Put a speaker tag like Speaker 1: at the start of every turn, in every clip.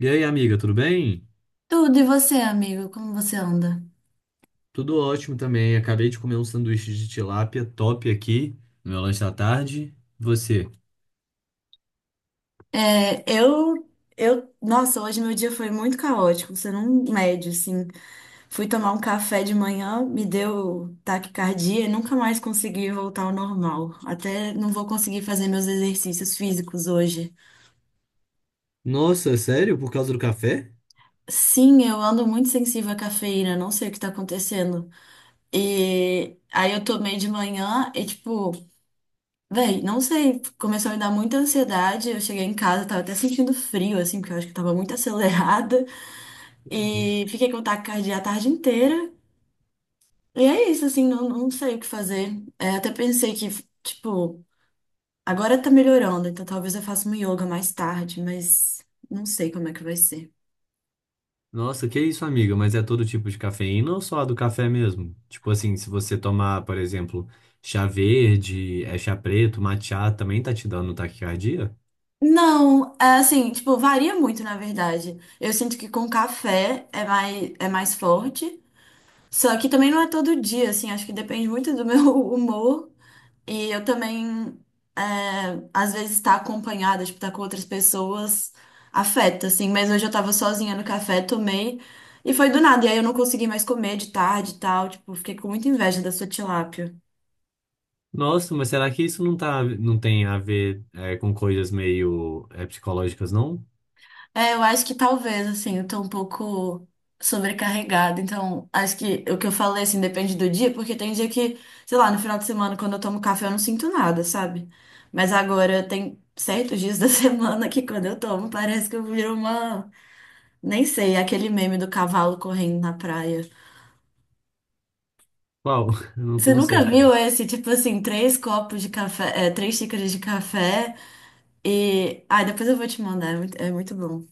Speaker 1: E aí, amiga, tudo bem?
Speaker 2: Tudo, e você, amigo? Como você anda?
Speaker 1: Tudo ótimo também. Acabei de comer um sanduíche de tilápia top aqui no meu lanche da tarde. Você?
Speaker 2: É, eu, nossa, hoje meu dia foi muito caótico, você não mede, assim. Fui tomar um café de manhã, me deu taquicardia e nunca mais consegui voltar ao normal. Até não vou conseguir fazer meus exercícios físicos hoje.
Speaker 1: Nossa, sério? Por causa do café?
Speaker 2: Sim, eu ando muito sensível à cafeína, não sei o que tá acontecendo. E aí eu tomei de manhã e, tipo, véi, não sei, começou a me dar muita ansiedade. Eu cheguei em casa, tava até sentindo frio, assim, porque eu acho que tava muito acelerada. E fiquei com taquicardia a tarde inteira. E é isso, assim, não sei o que fazer. É, até pensei que, tipo, agora tá melhorando, então talvez eu faça um yoga mais tarde, mas não sei como é que vai ser.
Speaker 1: Nossa, que isso, amiga? Mas é todo tipo de cafeína ou só a do café mesmo? Tipo assim, se você tomar, por exemplo, chá verde, é chá preto, matcha, também tá te dando taquicardia?
Speaker 2: Não, é assim, tipo, varia muito, na verdade. Eu sinto que com café é mais forte. Só que também não é todo dia, assim, acho que depende muito do meu humor. E eu também, é, às vezes, estar acompanhada, tipo, estar com outras pessoas, afeta, assim. Mas hoje eu tava sozinha no café, tomei, e foi do nada. E aí eu não consegui mais comer de tarde e tal. Tipo, fiquei com muita inveja da sua tilápia.
Speaker 1: Nossa, mas será que isso não tem a ver, com coisas meio, psicológicas, não?
Speaker 2: É, eu acho que talvez, assim, eu tô um pouco sobrecarregada. Então, acho que o que eu falei, assim, depende do dia, porque tem dia que, sei lá, no final de semana, quando eu tomo café, eu não sinto nada, sabe? Mas agora tem certos dias da semana que quando eu tomo, parece que eu viro uma. Nem sei, aquele meme do cavalo correndo na praia.
Speaker 1: Qual? Eu não,
Speaker 2: Você
Speaker 1: não sei
Speaker 2: nunca viu
Speaker 1: qual.
Speaker 2: esse, tipo assim, três xícaras de café e... Ah, depois eu vou te mandar, é muito bom.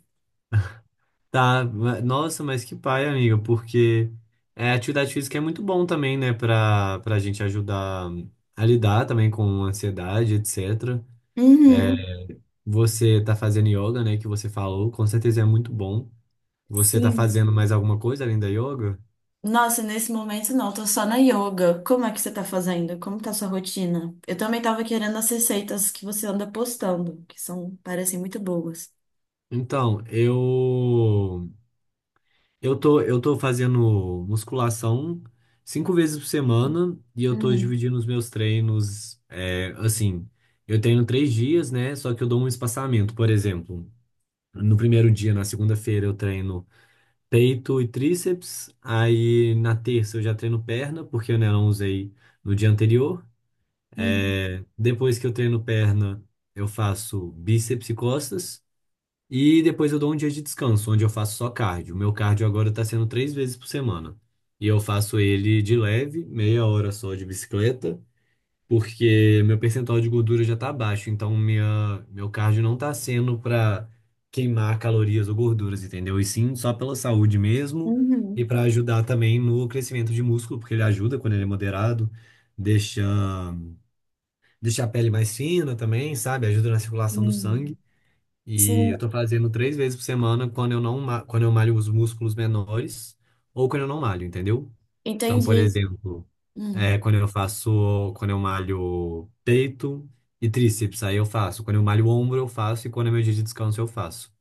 Speaker 1: Tá, nossa, mas que pai, amiga, porque atividade física é muito bom também, né, pra gente ajudar a lidar também com ansiedade, etcétera.
Speaker 2: Uhum,
Speaker 1: Você tá fazendo yoga, né, que você falou, com certeza é muito bom. Você tá
Speaker 2: sim.
Speaker 1: fazendo mais alguma coisa além da yoga?
Speaker 2: Nossa, nesse momento não, tô só na yoga. Como é que você tá fazendo? Como tá sua rotina? Eu também tava querendo as receitas que você anda postando, que são, parecem muito boas.
Speaker 1: Então, eu tô fazendo musculação 5 vezes por semana e eu tô
Speaker 2: Uhum,
Speaker 1: dividindo os meus treinos, assim, eu treino 3 dias, né? Só que eu dou um espaçamento, por exemplo. No primeiro dia, na segunda-feira, eu treino peito e tríceps. Aí na terça eu já treino perna, porque eu, né, não usei no dia anterior.
Speaker 2: uhum,
Speaker 1: É, depois que eu treino perna, eu faço bíceps e costas. E depois eu dou um dia de descanso, onde eu faço só cardio. O meu cardio agora tá sendo 3 vezes por semana. E eu faço ele de leve, meia hora só de bicicleta, porque meu percentual de gordura já tá baixo. Então, meu cardio não tá sendo pra queimar calorias ou gorduras, entendeu? E sim, só pela saúde mesmo e
Speaker 2: uhum,
Speaker 1: pra ajudar também no crescimento de músculo, porque ele ajuda quando ele é moderado, deixa, deixa a pele mais fina também, sabe? Ajuda na circulação do
Speaker 2: uhum.
Speaker 1: sangue. E
Speaker 2: Sim,
Speaker 1: eu tô fazendo 3 vezes por semana quando eu não, ma- quando eu malho os músculos menores ou quando eu não malho, entendeu? Então, por
Speaker 2: entendi.
Speaker 1: exemplo,
Speaker 2: Hum.
Speaker 1: quando quando eu malho peito e tríceps, aí eu faço. Quando eu malho o ombro, eu faço. E quando é meu dia de descanso, eu faço.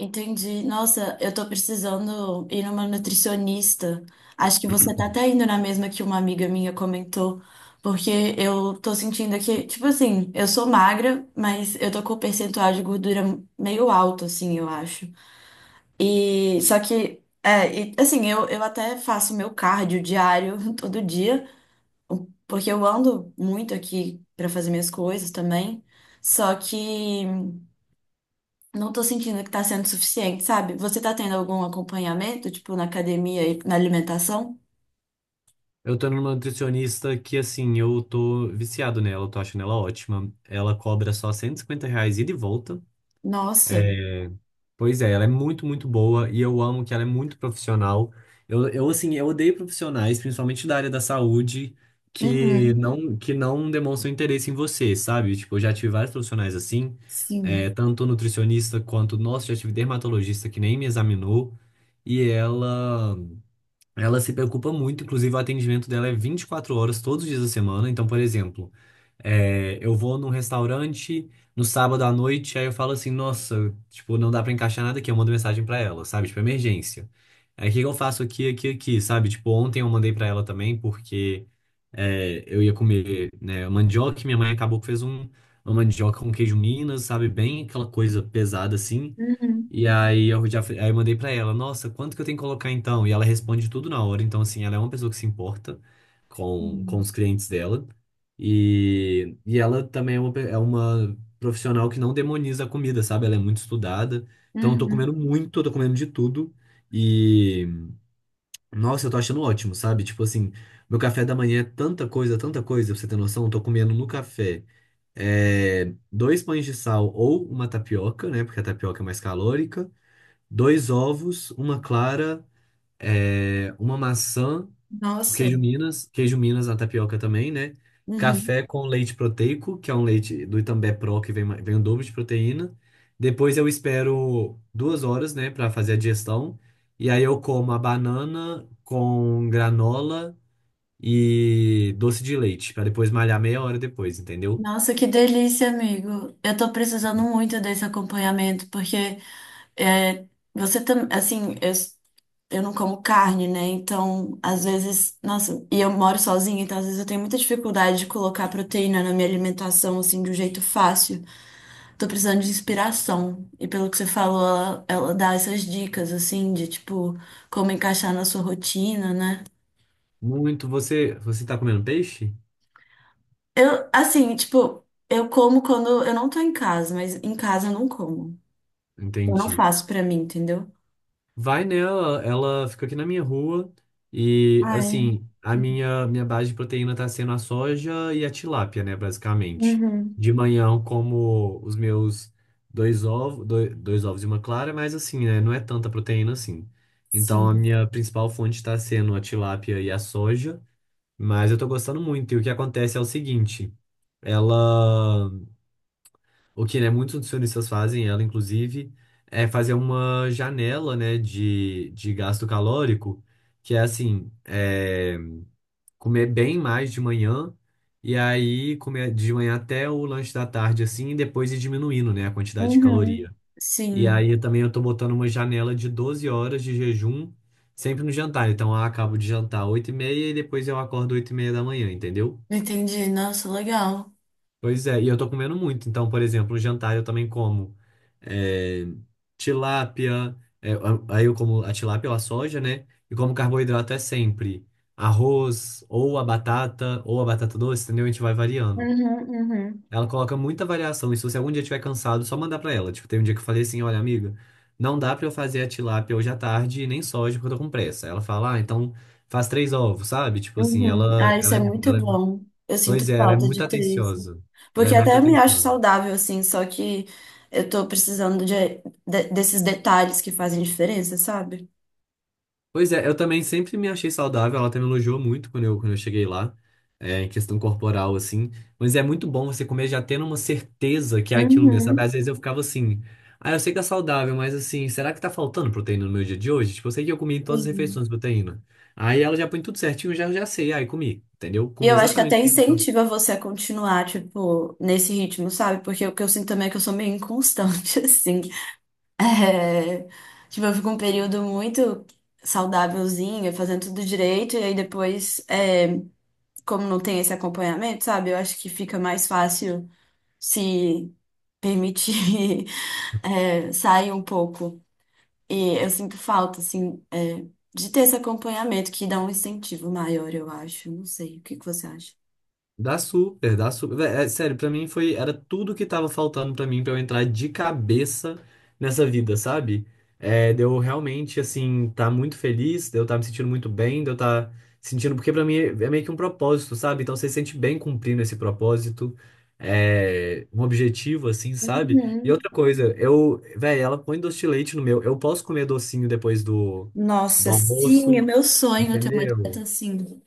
Speaker 2: Entendi. Nossa, eu tô precisando ir numa nutricionista. Acho que você tá até indo na mesma que uma amiga minha comentou, porque eu tô sentindo aqui, tipo assim, eu sou magra, mas eu tô com o percentual de gordura meio alto, assim, eu acho. E só que, é, e, assim, eu até faço meu cardio diário todo dia, porque eu ando muito aqui pra fazer minhas coisas também. Só que não tô sentindo que tá sendo suficiente, sabe? Você tá tendo algum acompanhamento, tipo, na academia e na alimentação?
Speaker 1: Eu tô numa nutricionista que, assim, eu tô viciado nela, eu tô achando ela ótima. Ela cobra só R$ 150 ida e volta. É.
Speaker 2: Nossa.
Speaker 1: Pois é, ela é muito, muito boa e eu amo que ela é muito profissional. Eu odeio profissionais, principalmente da área da saúde, que
Speaker 2: Uhum.
Speaker 1: não, que não demonstram interesse em você, sabe? Tipo, eu já tive vários profissionais assim,
Speaker 2: Sim.
Speaker 1: tanto nutricionista quanto, nossa, já tive dermatologista que nem me examinou. E ela. Ela se preocupa muito, inclusive o atendimento dela é 24 horas todos os dias da semana. Então, por exemplo, eu vou num restaurante no sábado à noite, aí eu falo assim, nossa, tipo, não dá pra encaixar nada aqui, eu mando mensagem pra ela, sabe? Tipo, emergência. Aí o que que eu faço aqui, aqui, aqui, sabe? Tipo, ontem eu mandei pra ela também, porque eu ia comer, né, mandioca, e minha mãe acabou que fez uma mandioca com queijo Minas, sabe? Bem aquela coisa pesada assim.
Speaker 2: Uhum.
Speaker 1: Aí eu mandei pra ela, nossa, quanto que eu tenho que colocar então? E ela responde tudo na hora. Então, assim, ela é uma pessoa que se importa com
Speaker 2: Uhum.
Speaker 1: os clientes dela. E ela também é uma profissional que não demoniza a comida, sabe? Ela é muito estudada. Então, eu tô
Speaker 2: Uhum.
Speaker 1: comendo muito, eu tô comendo de tudo. E, nossa, eu tô achando ótimo, sabe? Tipo assim, meu café da manhã é tanta coisa, pra você ter noção, eu tô comendo no café. Dois pães de sal ou uma tapioca, né? Porque a tapioca é mais calórica. Dois ovos, uma clara, uma maçã, o
Speaker 2: Nossa.
Speaker 1: queijo Minas na tapioca também, né?
Speaker 2: Uhum.
Speaker 1: Café com leite proteico, que é um leite do Itambé Pro, que vem o dobro de proteína. Depois eu espero 2 horas, né, para fazer a digestão. E aí eu como a banana com granola e doce de leite, para depois malhar meia hora depois, entendeu?
Speaker 2: Nossa, que delícia, amigo. Eu tô precisando muito desse acompanhamento, porque é, você também, assim, eu não como carne, né? Então, às vezes, nossa, e eu moro sozinha, então às vezes eu tenho muita dificuldade de colocar proteína na minha alimentação, assim, de um jeito fácil. Tô precisando de inspiração. E pelo que você falou, ela dá essas dicas, assim, de tipo, como encaixar na sua rotina, né?
Speaker 1: Muito. Você tá comendo peixe?
Speaker 2: Eu, assim, tipo, eu como quando eu não tô em casa, mas em casa eu não como. Eu não
Speaker 1: Entendi.
Speaker 2: faço pra mim, entendeu?
Speaker 1: Vai nela, ela fica aqui na minha rua e
Speaker 2: Ah, é.
Speaker 1: assim, a minha base de proteína tá sendo a soja e a tilápia, né, basicamente.
Speaker 2: Uhum.
Speaker 1: De manhã eu como os meus dois ovos e uma clara, mas assim, né, não é tanta proteína assim. Então a
Speaker 2: Sim.
Speaker 1: minha principal fonte tá sendo a tilápia e a soja, mas eu tô gostando muito. E o que acontece é o seguinte, ela o que, né, muitos nutricionistas fazem, ela inclusive, é fazer uma janela, né, de gasto calórico, que é assim, comer bem mais de manhã, e aí comer de manhã até o lanche da tarde, assim, e depois ir diminuindo, né, a quantidade de
Speaker 2: Uhum.
Speaker 1: caloria. E
Speaker 2: Sim.
Speaker 1: aí também eu tô botando uma janela de 12 horas de jejum, sempre no jantar. Então eu acabo de jantar 8h30, e depois eu acordo 8h30 da manhã, entendeu?
Speaker 2: Entendi. Nossa, legal.
Speaker 1: Pois é, e eu tô comendo muito. Então, por exemplo, o jantar eu também como é, tilápia, aí eu como a tilápia ou a soja, né? E como carboidrato é sempre arroz, ou a batata doce, entendeu? A gente vai variando.
Speaker 2: Uhum, uhum,
Speaker 1: Ela coloca muita variação, e se você algum dia estiver cansado, só mandar pra ela. Tipo, tem um dia que eu falei assim, olha, amiga, não dá pra eu fazer a tilápia hoje à tarde, e nem soja, porque eu tô com pressa. Ela fala, ah, então faz três ovos, sabe? Tipo assim,
Speaker 2: uhum. Ah, isso é muito bom. Eu
Speaker 1: pois
Speaker 2: sinto
Speaker 1: é, ela é
Speaker 2: falta de
Speaker 1: muito
Speaker 2: ter isso.
Speaker 1: atenciosa. Ela é
Speaker 2: Porque
Speaker 1: muito
Speaker 2: até eu me acho
Speaker 1: atenciosa.
Speaker 2: saudável, assim, só que eu tô precisando de desses detalhes que fazem diferença, sabe?
Speaker 1: Pois é, eu também sempre me achei saudável, ela até me elogiou muito quando eu cheguei lá, em questão corporal, assim. Mas é muito bom você comer já tendo uma certeza que é aquilo mesmo, sabe?
Speaker 2: Uhum.
Speaker 1: Às vezes eu ficava assim, ah, eu sei que é saudável, mas assim, será que tá faltando proteína no meu dia de hoje? Tipo, eu sei que eu comi em todas as
Speaker 2: Sim.
Speaker 1: refeições proteína. Aí ela já põe tudo certinho, já, já sei, aí comi, entendeu?
Speaker 2: E
Speaker 1: Comi
Speaker 2: eu acho que até
Speaker 1: exatamente.
Speaker 2: incentiva você a continuar, tipo, nesse ritmo, sabe? Porque o que eu sinto também é que eu sou meio inconstante, assim. É, tipo, eu fico um período muito saudávelzinho, fazendo tudo direito, e aí depois, é, como não tem esse acompanhamento, sabe? Eu acho que fica mais fácil se permitir é, saem um pouco. E eu sinto falta, assim, é, de ter esse acompanhamento que dá um incentivo maior, eu acho. Não sei, o que que você acha?
Speaker 1: Dá super, dá super. Vé, sério, pra mim era tudo que tava faltando pra mim pra eu entrar de cabeça nessa vida, sabe? É, de eu realmente, assim, tá muito feliz, de eu tá me sentindo muito bem, de eu tá sentindo, porque pra mim é meio que um propósito, sabe? Então você se sente bem cumprindo esse propósito, um objetivo, assim, sabe? E
Speaker 2: Uhum.
Speaker 1: outra coisa, véi, ela põe doce de leite no meu, eu posso comer docinho depois do,
Speaker 2: Nossa,
Speaker 1: do
Speaker 2: sim, é
Speaker 1: almoço,
Speaker 2: meu sonho é ter uma dieta
Speaker 1: entendeu?
Speaker 2: assim.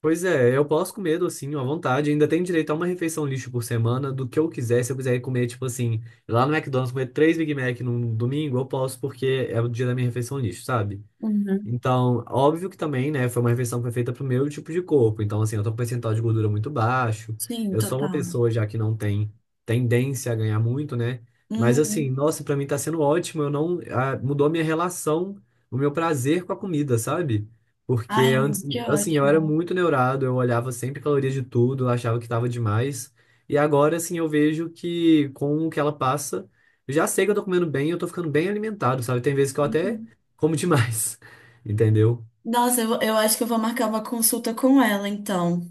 Speaker 1: Pois é, eu posso comer docinho à vontade. Ainda tenho direito a uma refeição lixo por semana do que eu quiser. Se eu quiser comer, tipo assim, lá no McDonald's, comer três Big Mac num domingo, eu posso, porque é o dia da minha refeição lixo, sabe?
Speaker 2: Uhum.
Speaker 1: Então, óbvio que também, né, foi uma refeição que foi feita pro meu tipo de corpo. Então, assim, eu tô com um percentual de gordura muito baixo.
Speaker 2: Sim,
Speaker 1: Eu sou uma
Speaker 2: total.
Speaker 1: pessoa já que não tem tendência a ganhar muito, né? Mas assim,
Speaker 2: Uhum.
Speaker 1: nossa, pra mim tá sendo ótimo. Eu não, ah, Mudou a minha relação, o meu prazer com a comida, sabe? Porque
Speaker 2: Ai,
Speaker 1: antes,
Speaker 2: amigo, que
Speaker 1: assim, eu era
Speaker 2: ótimo.
Speaker 1: muito neurado, eu olhava sempre calorias de tudo, eu achava que tava demais. E agora, assim, eu vejo que com o que ela passa, eu já sei que eu tô comendo bem, eu tô ficando bem alimentado, sabe? Tem vezes que eu até
Speaker 2: Uhum.
Speaker 1: como demais. Entendeu?
Speaker 2: Nossa, eu acho que eu vou marcar uma consulta com ela, então.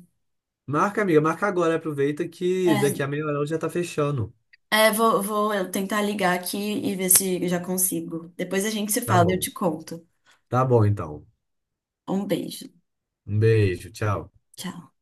Speaker 1: Marca, amiga, marca agora. Aproveita que daqui
Speaker 2: É,
Speaker 1: a meia hora já tá fechando.
Speaker 2: é, vou, vou eu tentar ligar aqui e ver se eu já consigo. Depois a gente se
Speaker 1: Tá
Speaker 2: fala, e eu
Speaker 1: bom.
Speaker 2: te conto.
Speaker 1: Tá bom, então.
Speaker 2: Um beijo.
Speaker 1: Um beijo, tchau.
Speaker 2: Tchau.